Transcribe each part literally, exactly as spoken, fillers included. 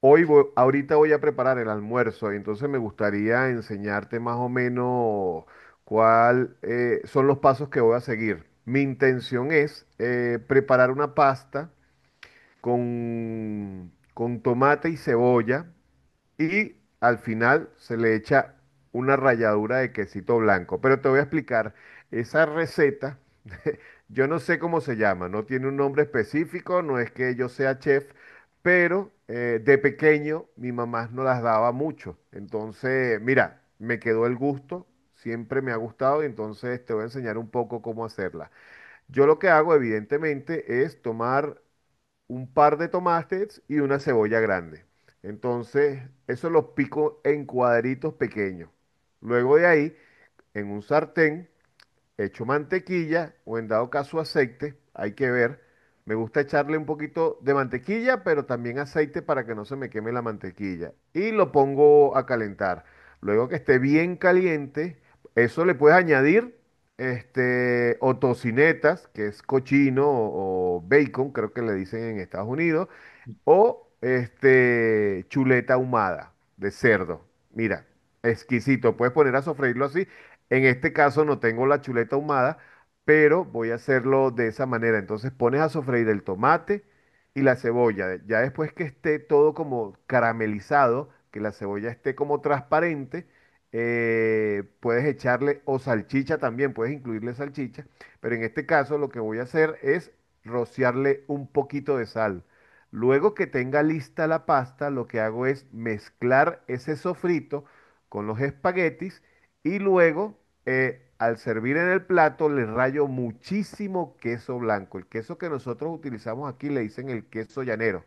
Hoy voy- ahorita voy a preparar el almuerzo, y entonces me gustaría enseñarte más o menos cuál eh, son los pasos que voy a seguir. Mi intención es eh, preparar una pasta con, con tomate y cebolla y al final se le echa una ralladura de quesito blanco. Pero te voy a explicar esa receta, yo no sé cómo se llama, no tiene un nombre específico, no es que yo sea chef, pero eh, de pequeño mi mamá no las daba mucho. Entonces, mira, me quedó el gusto, siempre me ha gustado y entonces te voy a enseñar un poco cómo hacerla. Yo lo que hago, evidentemente, es tomar un par de tomates y una cebolla grande. Entonces, eso los pico en cuadritos pequeños. Luego de ahí, en un sartén hecho mantequilla o en dado caso aceite, hay que ver. Me gusta echarle un poquito de mantequilla, pero también aceite para que no se me queme la mantequilla. Y lo pongo a calentar. Luego que esté bien caliente, eso le puedes añadir este, o tocinetas, que es cochino o, o bacon, creo que le dicen en Estados Unidos, o este, chuleta ahumada de cerdo. Mira, exquisito. Puedes poner a sofreírlo así. En este caso no tengo la chuleta ahumada, pero voy a hacerlo de esa manera. Entonces pones a sofreír el tomate y la cebolla. Ya después que esté todo como caramelizado, que la cebolla esté como transparente, eh, puedes echarle o salchicha también, puedes incluirle salchicha. Pero en este caso lo que voy a hacer es rociarle un poquito de sal. Luego que tenga lista la pasta, lo que hago es mezclar ese sofrito con los espaguetis y luego eh, al servir en el plato le rayo muchísimo queso blanco. El queso que nosotros utilizamos aquí le dicen el queso llanero.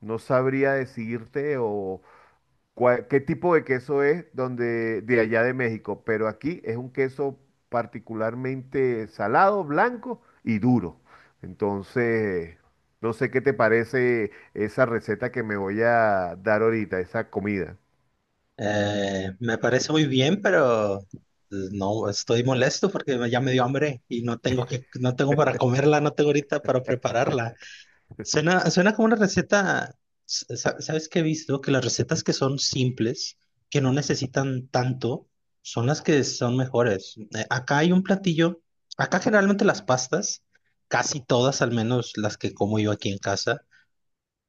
No sabría decirte o, cuál- qué tipo de queso es donde, de allá de México, pero aquí es un queso particularmente salado, blanco y duro. Entonces, no sé qué te parece esa receta que me voy a dar ahorita, esa comida. Eh, me parece muy bien, pero eh, no estoy molesto porque ya me dio hambre y no tengo que, no tengo para comerla, no tengo ahorita para prepararla. Suena, suena como una receta. sa- ¿Sabes qué he visto? Que las recetas que son simples, que no necesitan tanto, son las que son mejores. Eh, acá hay un platillo. Acá generalmente las pastas, casi todas, al menos las que como yo aquí en casa,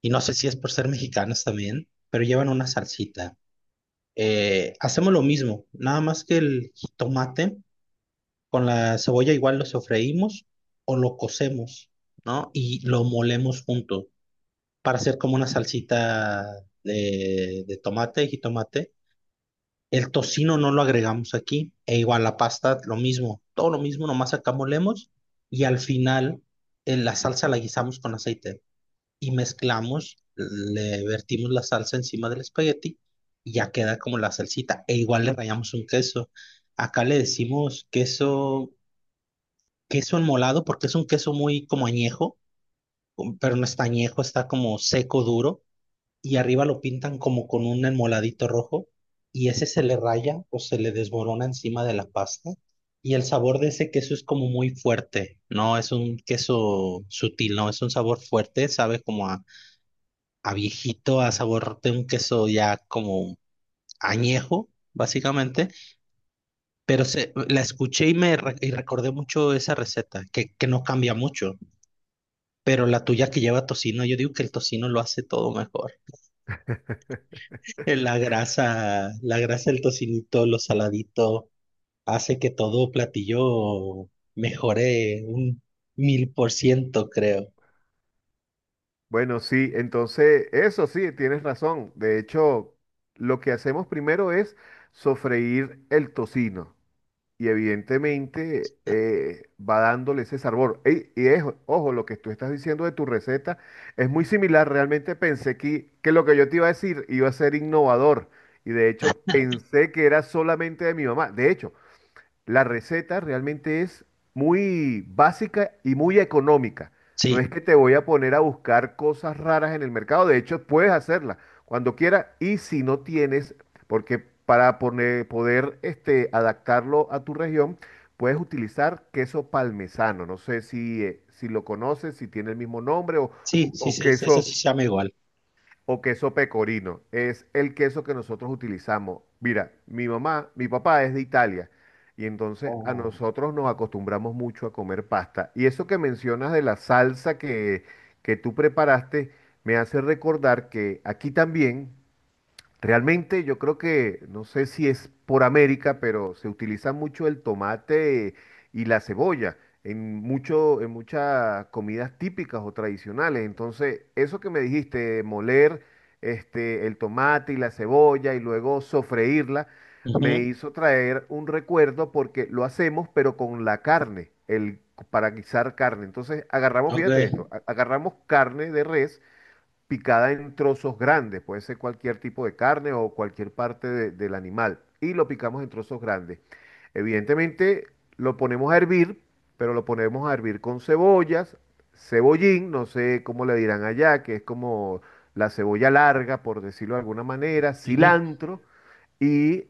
y no sé si es por ser mexicanas también, pero llevan una salsita, eh, hacemos lo mismo, nada más que el jitomate con la cebolla igual lo sofreímos o lo cocemos, ¿no? Y lo molemos junto para hacer como una salsita de, de tomate y jitomate. El tocino no lo agregamos aquí, e igual la pasta, lo mismo, todo lo mismo, nomás acá molemos y al final eh, la salsa la guisamos con aceite y mezclamos, le vertimos la salsa encima del espagueti y ya queda como la salsita. E igual le rallamos un queso. Acá le decimos queso, queso enmolado porque es un queso muy como añejo, um, pero no está añejo, está como seco, duro. Y arriba lo pintan como con un enmoladito rojo y ese se le raya o se le desmorona encima de la pasta. Y el sabor de ese queso es como muy fuerte, no es un queso sutil, no es un sabor fuerte, sabe como a a viejito, a sabor de un queso ya como añejo, básicamente, pero se, la escuché y me re- y recordé mucho esa receta, que, que no cambia mucho, pero la tuya que lleva tocino, yo digo que el tocino lo hace todo mejor. Eh, La grasa, la grasa del tocinito, lo saladito, hace que todo platillo mejore un mil por ciento, creo. Bueno, sí, entonces, eso sí, tienes razón. De hecho, lo que hacemos primero es sofreír el tocino. Y evidentemente eh, va dándole ese sabor. Ey, y es, ojo, lo que tú estás diciendo de tu receta es muy similar. Realmente pensé que, que lo que yo te iba a decir iba a ser innovador. Y de hecho pensé que era solamente de mi mamá. De hecho, la receta realmente es muy básica y muy económica. No es Sí, que te voy a poner a buscar cosas raras en el mercado. De hecho, puedes hacerla cuando quieras. Y si no tienes, porque para poner- poder este, adaptarlo a tu región, puedes utilizar queso parmesano. No sé si, eh, si lo conoces, si tiene el mismo nombre o, sí, o- sí, o sí, eso sí queso se llama igual. o queso pecorino. Es el queso que nosotros utilizamos. Mira, mi mamá, mi papá es de Italia y entonces a Oh. nosotros nos acostumbramos mucho a comer pasta. Y eso que mencionas de la salsa que, que tú preparaste me hace recordar que aquí también. Realmente yo creo que, no sé si es por América, pero se utiliza mucho el tomate y la cebolla en mucho, en muchas comidas típicas o tradicionales. Entonces, eso que me dijiste, de moler este, el tomate y la cebolla y luego sofreírla, me Ujú. hizo traer un recuerdo porque lo hacemos, pero con la carne, el, para guisar carne. Entonces, agarramos, Ok. fíjate esto, a- agarramos carne de res picada en trozos grandes, puede ser cualquier tipo de carne o cualquier parte de- del animal, y lo picamos en trozos grandes. Evidentemente lo ponemos a hervir, pero lo ponemos a hervir con cebollas, cebollín, no sé cómo le dirán allá, que es como la cebolla larga, por decirlo de alguna manera, Ujú. cilantro y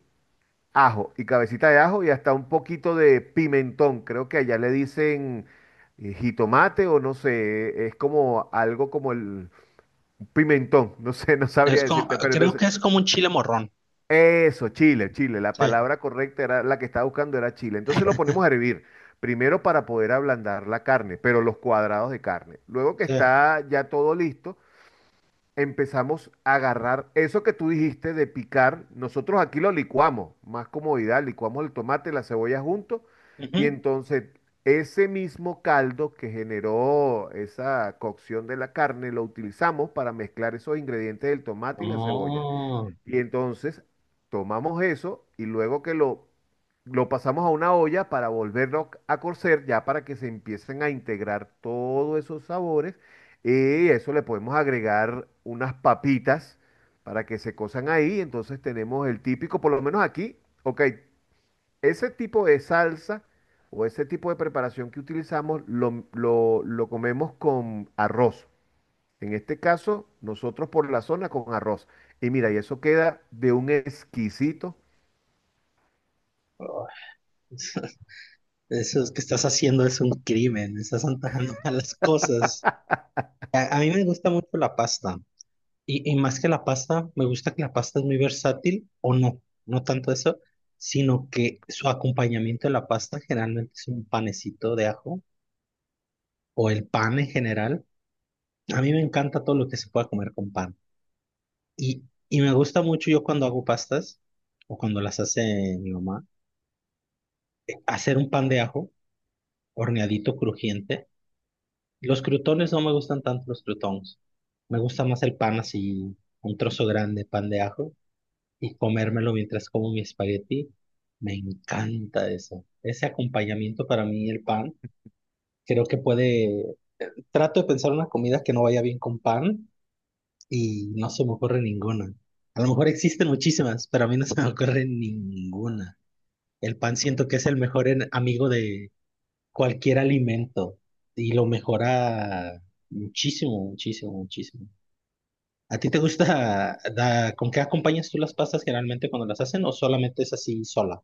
ajo, y cabecita de ajo y hasta un poquito de pimentón, creo que allá le dicen eh, jitomate o no sé, es como algo como el pimentón, no sé, no sabría Es como, decirte, pero creo entonces, que es como un chile morrón. eso, Chile, Chile, la Sí, palabra correcta era la que estaba buscando era Chile. Entonces lo ponemos a hervir, primero para poder ablandar la carne, pero los cuadrados de carne. Luego que sí. está ya todo listo, empezamos a agarrar eso que tú dijiste de picar. Nosotros aquí lo licuamos, más comodidad, licuamos el tomate y la cebolla juntos. Y Ujú. entonces ese mismo caldo que generó esa cocción de la carne lo utilizamos para mezclar esos ingredientes del tomate y la cebolla. Oh. Y entonces tomamos eso y luego que lo, lo pasamos a una olla para volverlo a cocer, ya para que se empiecen a integrar todos esos sabores. Y eso le podemos agregar unas papitas para que se cosan ahí. Entonces tenemos el típico, por lo menos aquí, ok, ese tipo de salsa o ese tipo de preparación que utilizamos lo, lo lo comemos con arroz. En este caso, nosotros por la zona con arroz. Y mira, y eso queda de un exquisito. Oh. Eso es que estás haciendo es un crimen, estás antojando malas cosas. A, a mí me gusta mucho la pasta. Y, y más que la pasta, me gusta que la pasta es muy versátil, o no, no tanto eso, sino que su acompañamiento de la pasta generalmente es un panecito de ajo, o el pan en general. A mí me encanta todo lo que se pueda comer con pan. Y, y me gusta mucho yo cuando hago pastas o cuando las hace mi mamá, hacer un pan de ajo horneadito crujiente. Los crutones No me gustan tanto los crutones. Me gusta más el pan así, un trozo grande, pan de ajo, y comérmelo mientras como mi espagueti. Me encanta eso. Ese acompañamiento para mí, el pan, creo que puede... Trato de pensar una comida que no vaya bien con pan y no se me ocurre ninguna. A lo mejor existen muchísimas, pero a mí no se me ocurre ninguna. El pan siento que es el mejor en- amigo de cualquier alimento y lo mejora muchísimo, muchísimo, muchísimo. ¿A ti te gusta la- con qué acompañas tú las pastas generalmente cuando las hacen o solamente es así sola?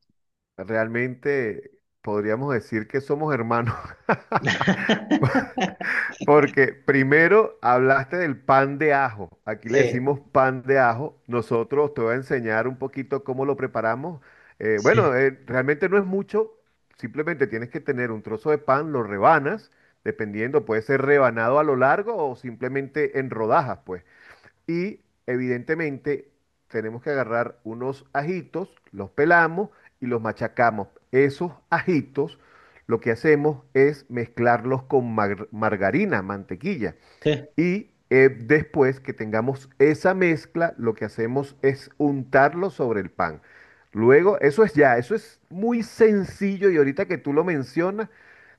Realmente podríamos decir que somos hermanos, porque primero hablaste del pan de ajo. Aquí le Sí, decimos pan de ajo. Nosotros te voy a enseñar un poquito cómo lo preparamos. Eh, sí, bueno, eh, realmente no es mucho. Simplemente tienes que tener un trozo de pan, lo rebanas, dependiendo, puede ser rebanado a lo largo o simplemente en rodajas, pues. Y evidentemente tenemos que agarrar unos ajitos, los pelamos y los machacamos. Esos ajitos lo que hacemos es mezclarlos con mar- margarina, mantequilla. sí, Y eh, después que tengamos esa mezcla, lo que hacemos es untarlo sobre el pan. Luego, eso es ya, eso es muy sencillo y ahorita que tú lo mencionas,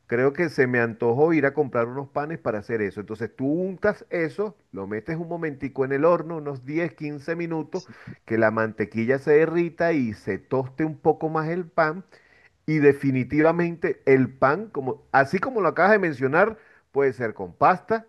creo que se me antojó ir a comprar unos panes para hacer eso. Entonces tú untas eso, lo metes un momentico en el horno, unos diez quince minutos, sí. que la mantequilla se derrita y se toste un poco más el pan. Y definitivamente el pan, como, así como lo acabas de mencionar, puede ser con pasta.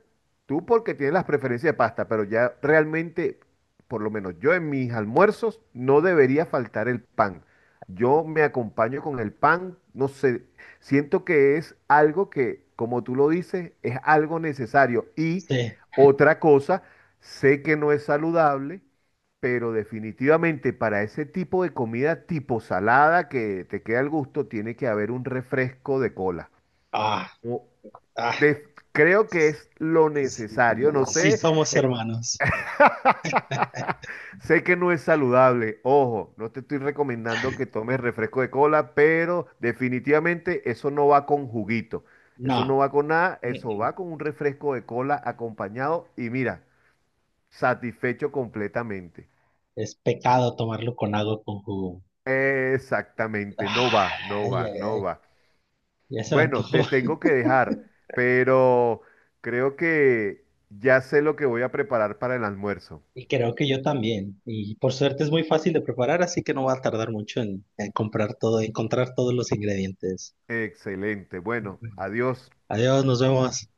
Tú porque tienes las preferencias de pasta, pero ya realmente, por lo menos yo en mis almuerzos, no debería faltar el pan. Yo me acompaño con el pan, no sé, siento que es algo que, como tú lo dices, es algo necesario. Y Sí. otra cosa, sé que no es saludable, pero definitivamente para ese tipo de comida tipo salada que te queda al gusto, tiene que haber un refresco de cola. Ah, O- ah. de- creo que es lo Sí, sí. necesario. No Sí sé, somos eh, hermanos. sé que no es saludable. Ojo, no te estoy recomendando que tomes refresco de cola, pero definitivamente eso no va con juguito. Eso No, no va con nada, mm, eso va mm, con un refresco de cola acompañado y mira, satisfecho completamente. es pecado tomarlo con algo con jugo. Exactamente, no va, no Ay, va, ay, no ay. va. Ya se me Bueno, te antojó. tengo que dejar, pero creo que ya sé lo que voy a preparar para el almuerzo. Y creo que yo también. Y por suerte es muy fácil de preparar, así que no va a tardar mucho en, en comprar todo, encontrar todos los ingredientes. Excelente. Bueno, Bueno. adiós. Adiós, nos vemos.